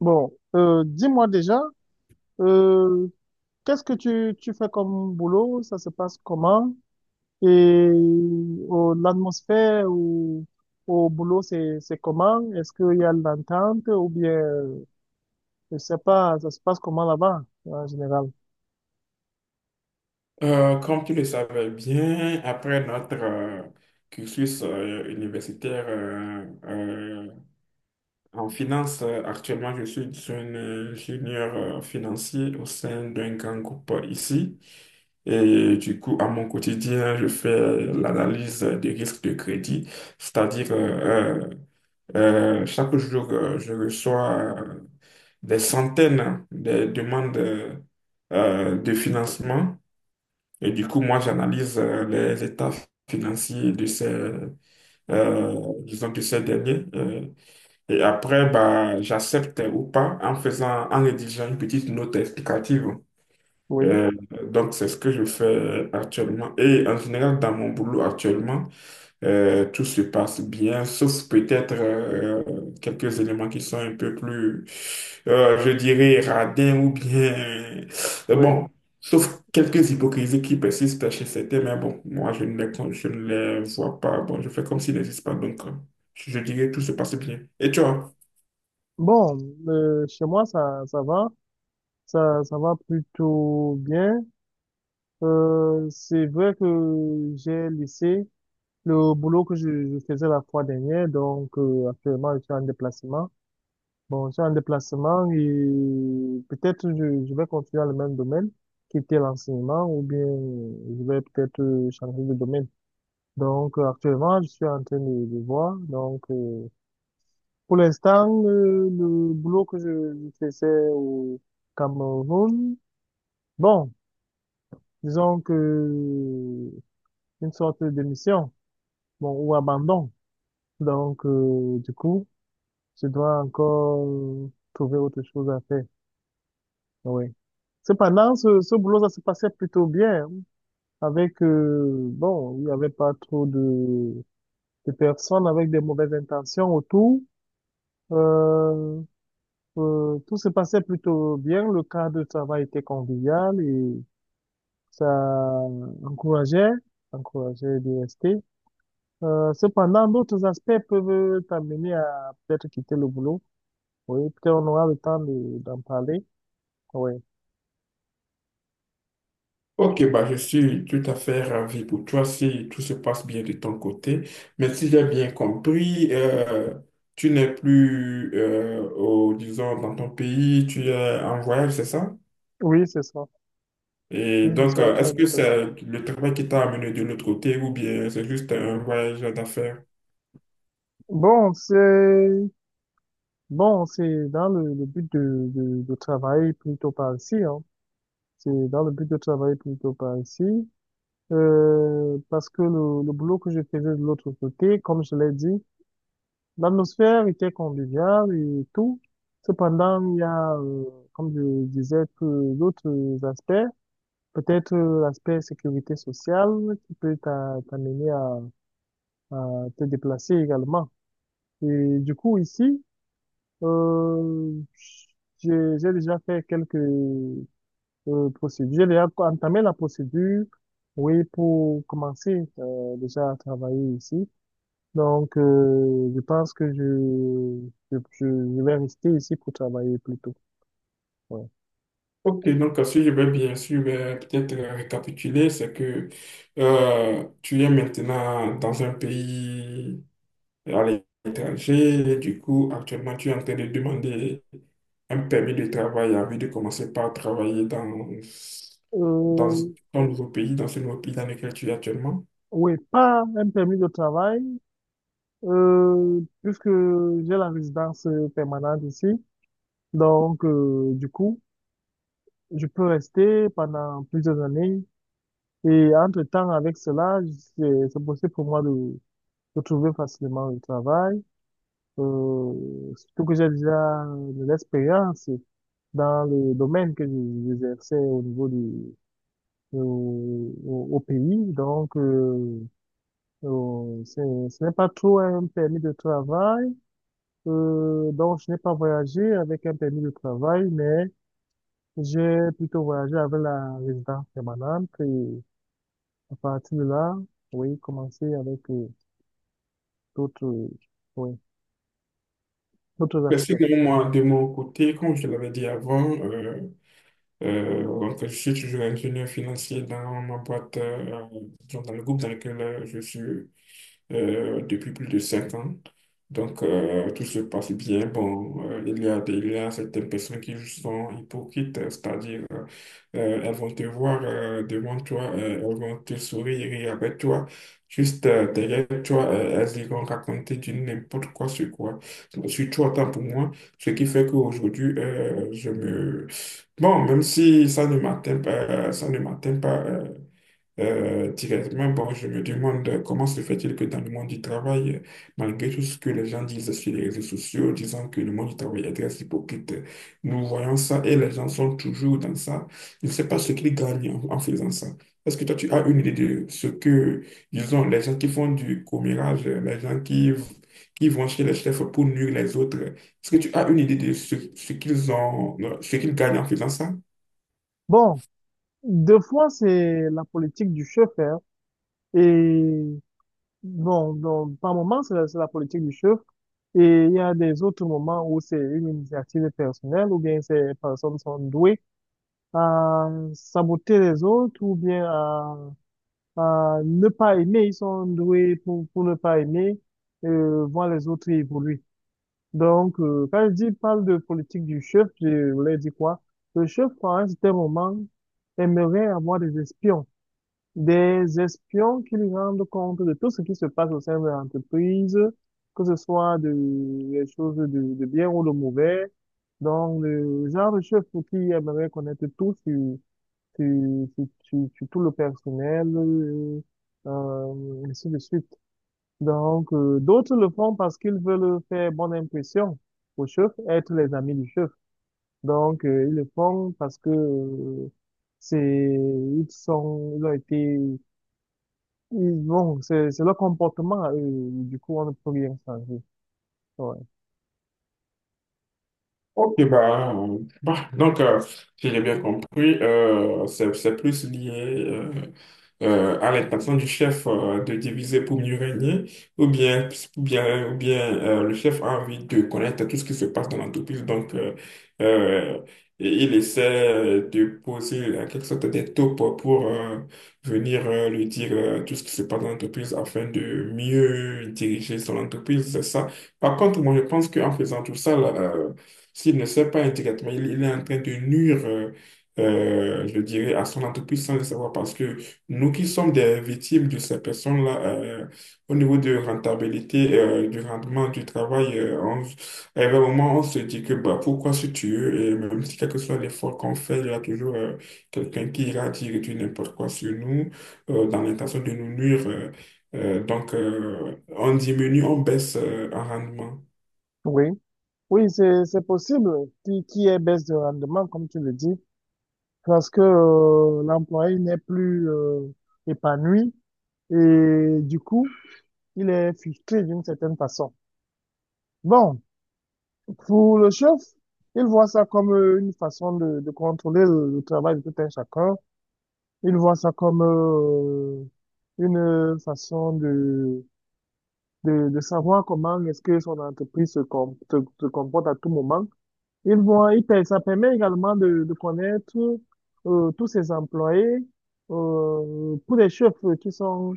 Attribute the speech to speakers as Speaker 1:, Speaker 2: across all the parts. Speaker 1: Bon, dis-moi déjà, euh, qu'est-ce que tu fais comme boulot? Ça se passe comment? Et l'atmosphère au boulot, c'est comment? Est-ce qu'il y a de l'entente ou bien, je sais pas, ça se passe comment là-bas, en général?
Speaker 2: Comme tu le savais bien, après notre cursus universitaire en finance, actuellement je suis un ingénieur financier au sein d'un grand groupe ici. Et du coup, à mon quotidien, je fais l'analyse des risques de crédit, c'est-à-dire chaque jour, je reçois euh, des centaines de demandes de financement, et du coup, moi, j'analyse les états financiers de ces, de ces derniers. Et après, bah, j'accepte ou pas en faisant, en rédigeant une petite note explicative.
Speaker 1: Oui,
Speaker 2: Euh, donc, c'est ce que je fais actuellement. Et en général, dans mon boulot actuellement, tout se passe bien, sauf peut-être quelques éléments qui sont un peu plus, je dirais, radins ou bien...
Speaker 1: oui.
Speaker 2: Bon, sauf quelques hypocrisies qui persistent chez certains, mais bon, moi, je ne les vois pas. Bon, je fais comme s'ils n'existent pas, donc je dirais tout se passe bien. Et toi?
Speaker 1: Bon, chez moi, ça va. Ça va plutôt bien. C'est vrai que j'ai laissé le boulot que je faisais la fois dernière, donc actuellement je suis en déplacement. Bon, je suis en déplacement et peut-être je vais continuer dans le même domaine, quitter l'enseignement ou bien je vais peut-être changer de domaine. Donc actuellement je suis en train de voir. Donc pour l'instant le boulot que je faisais au Cameroun, bon, disons que une sorte de mission, bon, ou abandon. Donc, du coup, tu dois encore trouver autre chose à faire. Oui. Cependant, ce boulot, ça se passait plutôt bien, hein. Avec, bon, il n'y avait pas trop de personnes avec des mauvaises intentions autour. Euh, tout se passait plutôt bien. Le cadre de travail était convivial et ça encourageait, encourageait de rester. Cependant, d'autres aspects peuvent t'amener à peut-être quitter le boulot. Oui, peut-être on aura le temps de- d'en parler. Oui.
Speaker 2: Ok, bah, je suis tout à fait ravi pour toi si tout se passe bien de ton côté. Mais si j'ai bien compris, tu n'es plus, au, disons, dans ton pays, tu es en voyage, c'est ça?
Speaker 1: Oui, c'est ça.
Speaker 2: Et
Speaker 1: Oui,
Speaker 2: donc,
Speaker 1: c'est ça,
Speaker 2: est-ce
Speaker 1: j'ai
Speaker 2: que
Speaker 1: passé.
Speaker 2: c'est le travail qui t'a amené de l'autre côté ou bien c'est juste un voyage d'affaires?
Speaker 1: Bon, c'est, bon, c'est dans le but de travailler plutôt par ici, hein. C'est dans le but de travailler plutôt par ici. Parce que le boulot que je faisais de l'autre côté, comme je l'ai dit, l'atmosphère était conviviale et tout. Cependant, il y a, comme je disais, que d'autres aspects, peut-être l'aspect sécurité sociale qui peut t'a- t'amener à te déplacer également. Et du coup, ici, euh, j'ai déjà fait quelques procédures. J'ai déjà entamé la procédure, oui, pour commencer déjà à travailler ici. Donc, je pense que je vais rester ici pour travailler plus tôt. Ouais.
Speaker 2: Ok, donc à je vais bien sûr peut-être récapituler, c'est que tu es maintenant dans un pays à l'étranger, et du coup actuellement tu es en train de demander un permis de travail envie de commencer par travailler dans
Speaker 1: Euh,
Speaker 2: ton nouveau pays, dans ce nouveau pays dans lequel tu es actuellement.
Speaker 1: oui, pas un permis de travail, puisque j'ai la résidence permanente ici. Donc, du coup, je peux rester pendant plusieurs années et entre-temps, avec cela, c'est possible pour moi de trouver facilement le travail, surtout que j'ai déjà de l'expérience dans le domaine que je- j'exerçais au niveau du, au, au- au pays. Donc, c'est- ce n'est pas trop un permis de travail. Donc, je n'ai pas voyagé avec un permis de travail, mais j'ai plutôt voyagé avec la résidence permanente. Et à partir de là, oui, commencer avec d'autres, oui, d'autres
Speaker 2: Parce
Speaker 1: aspects.
Speaker 2: que moi, de mon côté, comme je l'avais dit avant, donc, je suis toujours ingénieur financier dans ma boîte, disons, dans le groupe dans lequel je suis depuis plus de 5 ans. Donc, tout se passe bien. Bon, il y a certaines personnes qui sont hypocrites, c'est-à-dire, elles vont te voir devant toi, elles vont te sourire et rire avec toi. Juste derrière toi, elles iront raconter du n'importe quoi, sur toi, tant pour moi. Ce qui fait qu'aujourd'hui, je me... Bon, même si ça ne m'atteint pas, directement, bon, je me demande comment se fait-il que dans le monde du travail, malgré tout ce que les gens disent sur les réseaux sociaux, disant que le monde du travail est très hypocrite, nous voyons ça et les gens sont toujours dans ça. Je ne sais pas ce qu'ils gagnent en faisant ça. Est-ce que toi, tu as une idée de ce que, disons, les gens qui font du commérage, qui vont chez les chefs pour nuire les autres, est-ce que tu as une idée ce qu'ils ont, ce qu'ils gagnent en faisant ça?
Speaker 1: Bon, deux fois, c'est la politique du chef, hein, et bon, donc, par moment, c'est la politique du chef, et il y a des autres moments où c'est une initiative personnelle, ou bien ces personnes sont douées à saboter les autres, ou bien à ne pas aimer, ils sont doués pour ne pas aimer, voir les autres évoluer. Donc, quand je dis parle de politique du chef, je voulais dire quoi? Le chef, à un certain moment, aimerait avoir des espions qui lui rendent compte de tout ce qui se passe au sein de l'entreprise, que ce soit de, des choses de bien ou de mauvais. Donc, le genre de chef qui aimerait connaître tout sur sur- sur tout le personnel, ainsi de suite. Donc, d'autres le font parce qu'ils veulent faire bonne impression au chef, être les amis du chef. Donc, ils le font parce que c'est, ils sont, ils ont été, ils vont, c'est leur comportement à eux. Du coup, on ne peut rien changer. Ouais.
Speaker 2: Ok, bah, donc, si j'ai bien compris, c'est plus lié euh, à l'intention du chef de diviser pour mieux régner, ou bien, ou bien le chef a envie de connaître tout ce qui se passe dans l'entreprise, donc euh, et il essaie de poser en quelque sorte des taupes pour venir lui dire tout ce qui se passe dans l'entreprise afin de mieux diriger son entreprise, c'est ça. Par contre, moi, je pense qu'en faisant tout ça, là, s'il ne sait pas indirectement, il est en train de nuire, je dirais, à son entreprise sans le savoir parce que nous qui sommes des victimes de ces personnes-là, au niveau de rentabilité, du rendement du travail, à un moment, on se dit que bah, pourquoi se tuer? Et même si quel que soit l'effort qu'on fait, il y a toujours quelqu'un qui ira dire du n'importe quoi sur nous dans l'intention de nous nuire. Donc, on diminue, on baisse en rendement.
Speaker 1: Oui, oui, c'est possible. Qui est baisse de rendement, comme tu le dis, parce que l'employé n'est plus épanoui et du coup, il est frustré d'une certaine façon. Bon. Pour le chef, il voit ça comme une façon de contrôler le travail de tout un chacun. Il voit ça comme une façon de savoir comment est-ce que son entreprise se, com- se comporte à tout moment. Il voit, il, per- ça permet également de connaître tous ses employés. Pour les chefs qui sont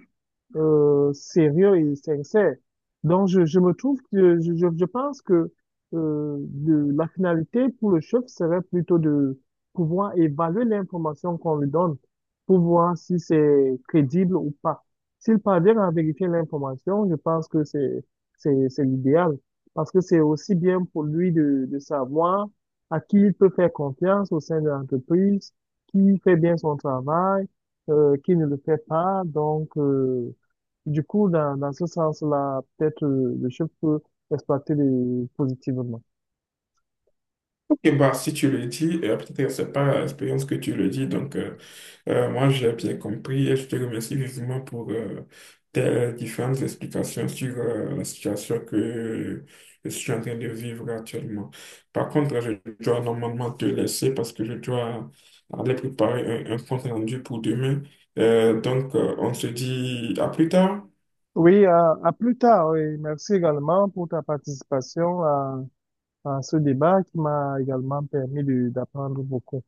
Speaker 1: sérieux et sincère. Donc, je me trouve que je pense que de, la finalité pour le chef serait plutôt de pouvoir évaluer l'information qu'on lui donne pour voir si c'est crédible ou pas. S'il parvient à vérifier l'information, je pense que c'est l'idéal parce que c'est aussi bien pour lui de savoir à qui il peut faire confiance au sein de l'entreprise, qui fait bien son travail qui ne le fait pas. Donc, du coup, dans ce sens-là, peut-être le chef peut exploiter les- positivement.
Speaker 2: Ok, bah, si tu le dis, peut-être que c'est pas l'expérience que tu le dis, donc moi j'ai bien compris et je te remercie vivement pour tes différentes explications sur la situation que je suis en train de vivre actuellement. Par contre, je dois normalement te laisser parce que je dois aller préparer un compte rendu pour demain. Donc, on se dit à plus tard.
Speaker 1: Oui, à plus tard. Oui. Merci également pour ta participation à ce débat qui m'a également permis de- d'apprendre beaucoup.